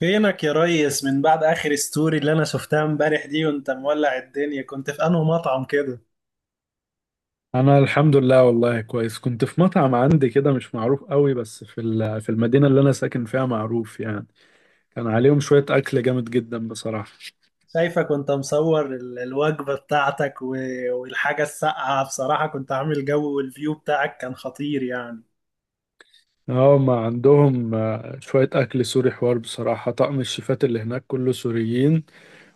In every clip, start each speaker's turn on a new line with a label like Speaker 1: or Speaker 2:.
Speaker 1: فينك يا ريس؟ من بعد اخر ستوري اللي انا شفتها امبارح دي وانت مولع الدنيا، كنت في انه مطعم كده.
Speaker 2: انا الحمد لله، والله كويس. كنت في مطعم عندي كده مش معروف قوي، بس في المدينة اللي انا ساكن فيها معروف يعني. كان عليهم شوية اكل جامد جدا بصراحة.
Speaker 1: شايفك وانت مصور الوجبة بتاعتك والحاجة الساقعة، بصراحة كنت عامل جو، والفيو بتاعك كان خطير يعني.
Speaker 2: اه، ما عندهم شوية اكل سوري. حوار بصراحة، طقم الشيفات اللي هناك كله سوريين.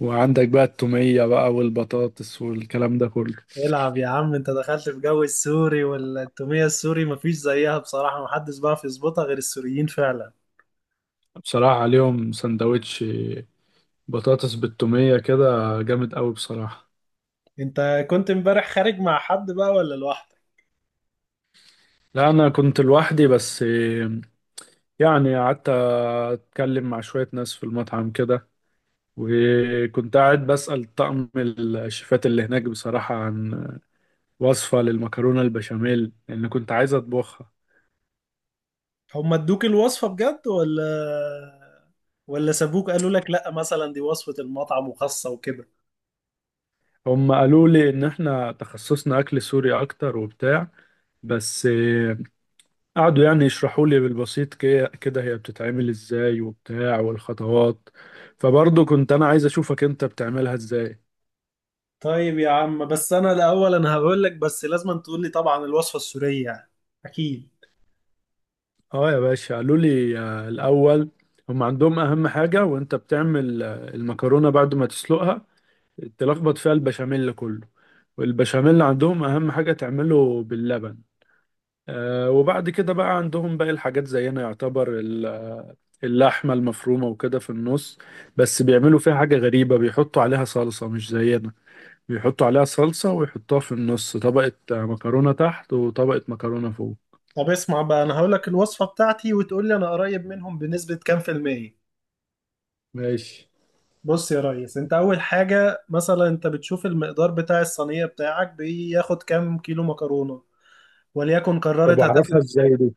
Speaker 2: وعندك بقى التومية بقى والبطاطس والكلام ده كله.
Speaker 1: العب يا عم، انت دخلت في جو السوري، والتومية السوري مفيش زيها بصراحة، محدش بقى يظبطها غير السوريين فعلا.
Speaker 2: بصراحة عليهم سندوتش بطاطس بالتومية كده، جامد قوي بصراحة.
Speaker 1: انت كنت امبارح خارج مع حد بقى ولا لوحدك؟
Speaker 2: لا، انا كنت لوحدي بس. يعني قعدت اتكلم مع شوية ناس في المطعم كده. وكنت قاعد بسأل طقم الشيفات اللي هناك بصراحة عن وصفة للمكرونة البشاميل، لأن كنت عايز أطبخها.
Speaker 1: هم ادوك الوصفة بجد ولا سابوك قالوا لك لا مثلا دي وصفة المطعم وخاصة وكده؟
Speaker 2: هم قالوا لي إن إحنا تخصصنا أكل سوري أكتر وبتاع. بس قعدوا يعني يشرحوا لي بالبسيط كده هي بتتعمل إزاي وبتاع والخطوات. فبرضه كنت أنا عايز أشوفك أنت بتعملها إزاي.
Speaker 1: طيب يا عم، بس انا الاول، هقول لك، بس لازم تقول لي طبعا الوصفة السورية يعني. اكيد.
Speaker 2: اه يا باشا، قالوا لي الاول هم عندهم اهم حاجه، وانت بتعمل المكرونه بعد ما تسلقها تلخبط فيها البشاميل كله. والبشاميل عندهم اهم حاجه تعمله باللبن. آه، وبعد كده بقى عندهم باقي الحاجات زينا، يعتبر اللحمه المفرومه وكده في النص. بس بيعملوا فيها حاجه غريبه، بيحطوا عليها صلصه مش زينا. بيحطوا عليها صلصه ويحطوها في النص طبقه مكرونه تحت وطبقه مكرونه فوق.
Speaker 1: طب اسمع بقى، انا هقول لك الوصفة بتاعتي وتقول لي انا قريب منهم بنسبة كام في المية.
Speaker 2: ماشي.
Speaker 1: بص يا ريس، انت اول حاجة مثلا انت بتشوف المقدار بتاع الصينية بتاعك بياخد كام كيلو مكرونة، وليكن
Speaker 2: طب
Speaker 1: قررت
Speaker 2: اعرفها
Speaker 1: هتاخد.
Speaker 2: ازاي دي؟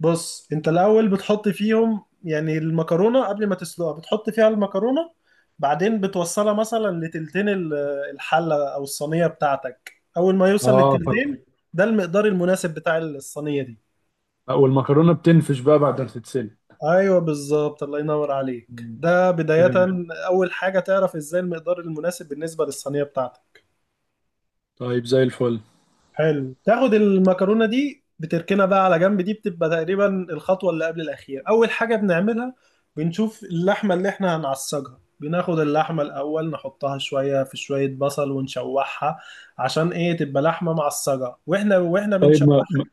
Speaker 1: بص انت الاول بتحط فيهم يعني المكرونه قبل ما تسلقها، بتحط فيها المكرونه، بعدين بتوصلها مثلا لتلتين الحله او الصينيه بتاعتك. اول ما يوصل
Speaker 2: اه.
Speaker 1: للتلتين ده المقدار المناسب بتاع الصينيه دي.
Speaker 2: لا، والمكرونه بتنفش بقى بعد ما تتسلق.
Speaker 1: ايوه بالظبط، الله ينور عليك،
Speaker 2: مم.
Speaker 1: ده بدايه.
Speaker 2: تمام.
Speaker 1: اول حاجه تعرف ازاي المقدار المناسب بالنسبه للصينيه بتاعتك.
Speaker 2: طيب زي الفل.
Speaker 1: حلو، تاخد المكرونه دي بتركنها بقى على جنب، دي بتبقى تقريبا الخطوه اللي قبل الاخير. اول حاجه بنعملها بنشوف اللحمه اللي احنا هنعصجها، بناخد اللحمه الاول نحطها شويه في شويه بصل ونشوحها، عشان ايه؟ تبقى لحمه معصجه، واحنا
Speaker 2: طيب،
Speaker 1: بنشوحها.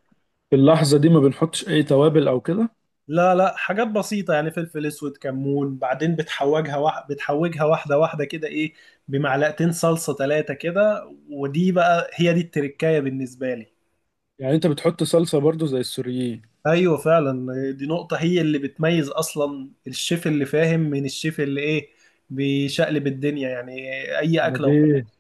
Speaker 2: في اللحظه دي ما بنحطش اي توابل او كده؟
Speaker 1: لا لا، حاجات بسيطه يعني، فلفل اسود، كمون، بعدين بتحوجها بتحوجها واحده واحده كده، ايه، بمعلقتين صلصه، ثلاثه كده، ودي بقى هي دي التركايه بالنسبه لي.
Speaker 2: يعني انت بتحط صلصه برضو زي السوريين؟
Speaker 1: ايوه فعلا، دي نقطة هي اللي بتميز اصلا الشيف اللي فاهم من الشيف اللي ايه، بيشقلب الدنيا يعني اي
Speaker 2: انا
Speaker 1: اكلة
Speaker 2: دي
Speaker 1: وخلاص.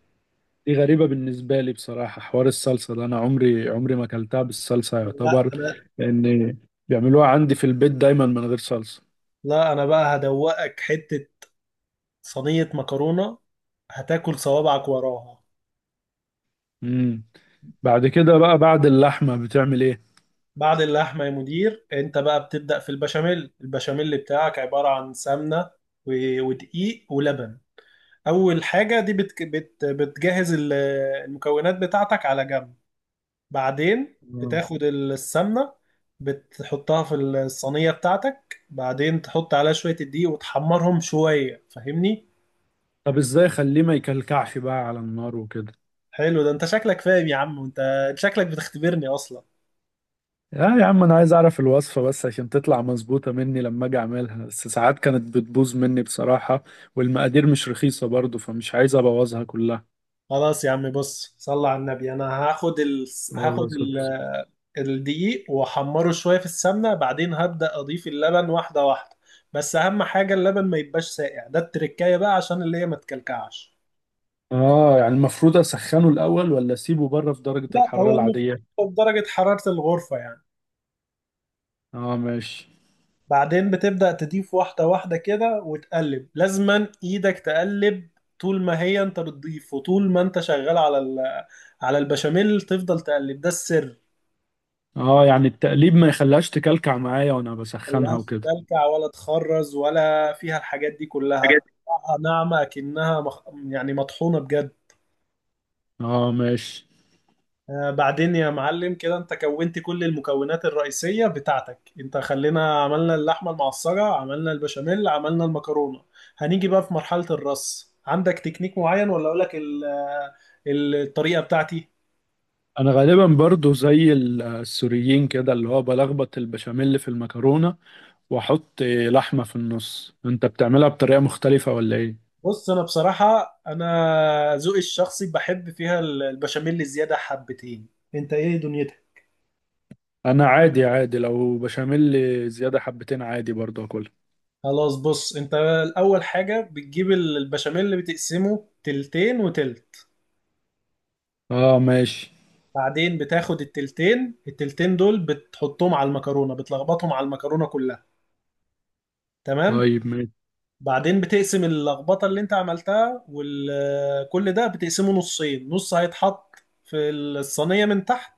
Speaker 2: دي غريبه بالنسبه لي بصراحه. حوار الصلصه ده انا عمري عمري ما اكلتها بالصلصه
Speaker 1: لا
Speaker 2: يعتبر.
Speaker 1: انا
Speaker 2: لان بيعملوها عندي في البيت دايما من غير صلصه.
Speaker 1: لا انا بقى هدوقك حتة صينية مكرونة هتاكل صوابعك وراها.
Speaker 2: امم بعد كده بقى بعد اللحمه بتعمل ايه؟
Speaker 1: بعد اللحمة يا مدير، انت بقى بتبدأ في البشاميل. البشاميل بتاعك عبارة عن سمنة ودقيق ولبن. اول حاجة دي بت بت بتجهز المكونات بتاعتك على جنب، بعدين
Speaker 2: آه.
Speaker 1: بتاخد السمنة، بتحطها في الصينية بتاعتك، بعدين تحط عليها شوية الدقيق وتحمرهم شوية، فاهمني؟
Speaker 2: طب ازاي اخليه ما يكلكعش بقى على النار وكده؟
Speaker 1: حلو، ده انت شكلك فاهم يا عم، وانت شكلك بتختبرني اصلا.
Speaker 2: اه يا عم، انا عايز اعرف الوصفة بس عشان تطلع مظبوطة مني لما اجي اعملها، بس ساعات كانت بتبوظ مني بصراحة. والمقادير مش رخيصة برضو، فمش عايز ابوظها كلها.
Speaker 1: خلاص يا عم، بص، صل على النبي.
Speaker 2: لا والله
Speaker 1: هاخد
Speaker 2: صدق.
Speaker 1: الدقيق واحمره شوية في السمنة، بعدين هبدأ اضيف اللبن واحدة واحدة، بس اهم حاجة اللبن ما يبقاش ساقع، ده التركاية بقى عشان اللي هي ما تكلكعش.
Speaker 2: اه، يعني المفروض اسخنه الاول ولا اسيبه بره في درجة
Speaker 1: لا،
Speaker 2: الحرارة
Speaker 1: هو
Speaker 2: العادية؟
Speaker 1: المفروض درجة حرارة الغرفة يعني.
Speaker 2: اه ماشي.
Speaker 1: بعدين بتبدأ تضيف واحدة واحدة كده وتقلب، لازما ايدك تقلب طول ما هي انت بتضيف، وطول ما انت شغال على على البشاميل تفضل تقلب، ده السر.
Speaker 2: اه يعني التقليب ما يخليهاش تكلكع معايا وانا بسخنها
Speaker 1: ملهاش
Speaker 2: وكده.
Speaker 1: تلكع ولا تخرز ولا فيها الحاجات دي
Speaker 2: حاجات.
Speaker 1: كلها، ناعمة يعني مطحونة بجد.
Speaker 2: اه ماشي.
Speaker 1: بعدين يا معلم كده انت كونت كل المكونات الرئيسية بتاعتك، انت خلينا عملنا اللحمة المعصرة، عملنا البشاميل، عملنا المكرونة. هنيجي بقى في مرحلة الرص، عندك تكنيك معين ولا اقولك الطريقة بتاعتي؟
Speaker 2: انا غالبا برضو زي السوريين كده، اللي هو بلخبط البشاميل في المكرونة واحط لحمة في النص. انت بتعملها بطريقة مختلفة ولا ايه؟
Speaker 1: بص انا بصراحة، انا ذوقي الشخصي بحب فيها البشاميل زيادة حبتين، انت ايه دنيتك؟
Speaker 2: انا عادي عادي، لو بشاميل زيادة حبتين عادي برضه اكلها.
Speaker 1: خلاص، بص انت اول حاجة بتجيب البشاميل اللي بتقسمه تلتين وتلت،
Speaker 2: اه ماشي.
Speaker 1: بعدين بتاخد التلتين، دول بتحطهم على المكرونة، بتلخبطهم على المكرونة كلها، تمام؟
Speaker 2: طيب ماشي.
Speaker 1: بعدين بتقسم اللخبطة اللي انت عملتها وكل ده بتقسمه نصين، نص هيتحط في الصينية من تحت،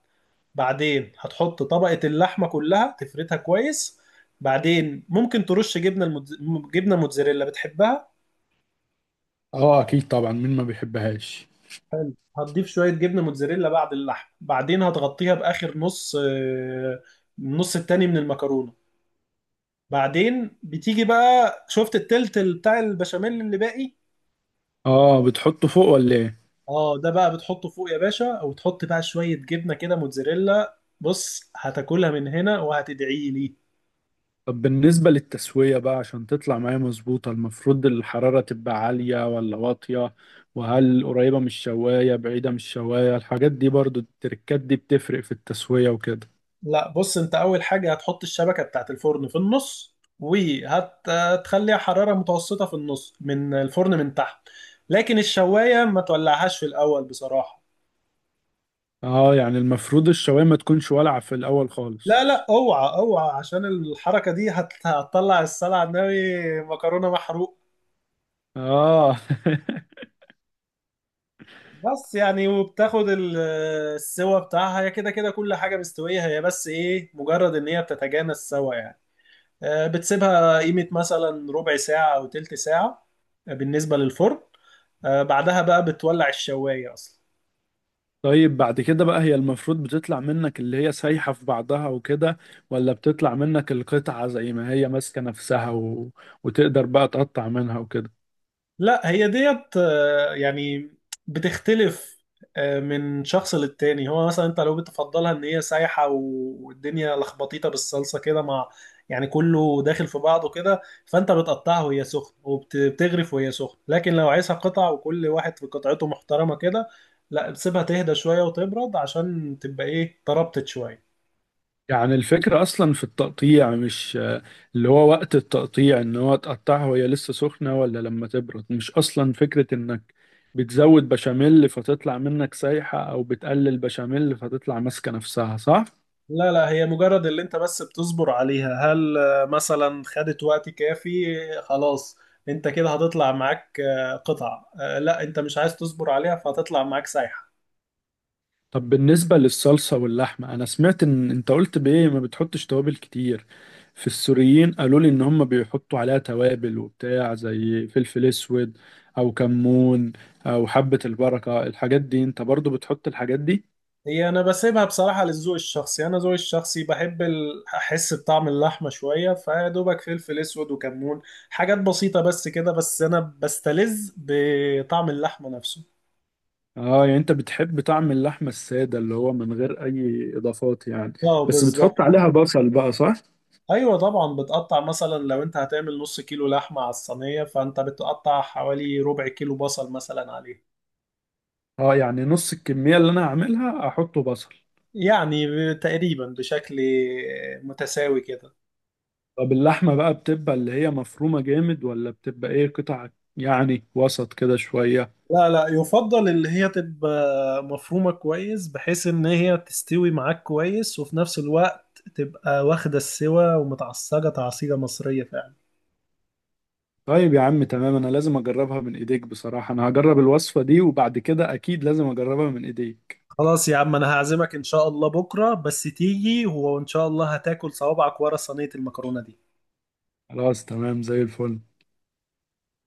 Speaker 1: بعدين هتحط طبقة اللحمة كلها تفردها كويس، بعدين ممكن ترش جبنة موتزاريلا، بتحبها؟
Speaker 2: اه اكيد طبعا، مين ما بيحبهاش.
Speaker 1: هتضيف شوية جبنة موتزاريلا بعد اللحم، بعدين هتغطيها بآخر نص، النص التاني من المكرونة. بعدين بتيجي بقى، شفت التلت بتاع البشاميل اللي باقي؟
Speaker 2: اه بتحطه فوق ولا ايه؟
Speaker 1: اه، ده بقى بتحطه فوق يا باشا، او تحط بقى شوية جبنة كده موتزاريلا، بص هتاكلها من هنا وهتدعي لي.
Speaker 2: طب بالنسبة للتسوية بقى عشان تطلع معايا مظبوطة، المفروض الحرارة تبقى عالية ولا واطية؟ وهل قريبة من الشواية بعيدة من الشواية؟ الحاجات دي برضو التركات دي بتفرق في التسوية وكده.
Speaker 1: لا بص، انت اول حاجة هتحط الشبكة بتاعت الفرن في النص، وهتخليها حرارة متوسطة في النص من الفرن من تحت، لكن الشواية ما تولعهاش في الاول بصراحة.
Speaker 2: اه يعني المفروض الشواية ما تكونش والعة في الأول خالص.
Speaker 1: لا، اوعى اوعى، عشان الحركة دي هتطلع السلع ناوي، مكرونة محروق.
Speaker 2: اه
Speaker 1: بس يعني، وبتاخد السوا بتاعها، هي كده كده كل حاجة مستوية، هي بس ايه، مجرد ان هي بتتجانس سوا يعني. بتسيبها قيمة مثلا ربع ساعة او تلت ساعة بالنسبة للفرن، بعدها بقى بتولع الشواية اصلا.
Speaker 2: طيب بعد كده بقى، هي المفروض بتطلع منك اللي هي سايحة في بعضها وكده، ولا بتطلع منك القطعة زي ما هي ماسكة نفسها وتقدر بقى تقطع منها وكده؟
Speaker 1: لا، هي ديت يعني بتختلف من شخص للتاني. هو مثلا انت لو بتفضلها ان هي سايحة والدنيا لخبطيطة بالصلصة كده، مع يعني كله داخل في بعضه كده، فانت بتقطعها وهي سخنة وبتغرف وهي سخنة، لكن لو عايزها قطع وكل واحد في قطعته محترمة كده، لا بتسيبها تهدى شوية وتبرد عشان تبقى ايه، تربطت شوية.
Speaker 2: يعني الفكرة أصلا في التقطيع مش اللي هو وقت التقطيع إن هو تقطعها وهي لسه سخنة ولا لما تبرد؟ مش أصلا فكرة إنك بتزود بشاميل فتطلع منك سايحة أو بتقلل بشاميل فتطلع ماسكة نفسها، صح؟
Speaker 1: لا، هي مجرد اللي انت بس بتصبر عليها، هل مثلا خدت وقت كافي؟ خلاص، انت كده هتطلع معاك قطع، لا انت مش عايز تصبر عليها فهتطلع معاك سايحة.
Speaker 2: طب بالنسبة للصلصة واللحمة، أنا سمعت إن أنت قلت بإيه ما بتحطش توابل كتير. في السوريين قالوا لي إن هم بيحطوا عليها توابل وبتاع زي فلفل أسود أو كمون أو حبة البركة. الحاجات دي أنت برضو بتحط الحاجات دي؟
Speaker 1: هي انا بسيبها بصراحة للذوق الشخصي، انا ذوقي الشخصي بحب احس بطعم اللحمة شوية، فيا دوبك فلفل اسود وكمون، حاجات بسيطة بس كده، بس انا بستلذ بطعم اللحمة نفسه.
Speaker 2: آه يعني أنت بتحب طعم اللحمة السادة اللي هو من غير أي إضافات يعني.
Speaker 1: اه
Speaker 2: بس بتحط
Speaker 1: بالظبط.
Speaker 2: عليها بصل بقى، صح؟
Speaker 1: ايوه طبعا، بتقطع مثلا لو انت هتعمل 1/2 كيلو لحمه على الصينيه، فانت بتقطع حوالي 1/4 كيلو بصل مثلا عليه،
Speaker 2: آه يعني نص الكمية اللي أنا هعملها أحطه بصل.
Speaker 1: يعني تقريبا بشكل متساوي كده.
Speaker 2: طب اللحمة بقى بتبقى اللي هي مفرومة جامد ولا بتبقى ايه قطع؟ يعني وسط كده شوية.
Speaker 1: لا، يفضل اللي هي تبقى مفرومه كويس، بحيث ان هي تستوي معاك كويس، وفي نفس الوقت تبقى واخده السوا ومتعصجه تعصيجه مصريه فعلا.
Speaker 2: طيب يا عم تمام، انا لازم اجربها من ايديك بصراحة. انا هجرب الوصفة دي وبعد كده اكيد لازم اجربها من ايديك.
Speaker 1: خلاص يا عم، انا هعزمك ان شاء الله بكره بس تيجي، وان شاء الله هتاكل صوابعك ورا صينيه المكرونه دي.
Speaker 2: خلاص تمام زي الفل.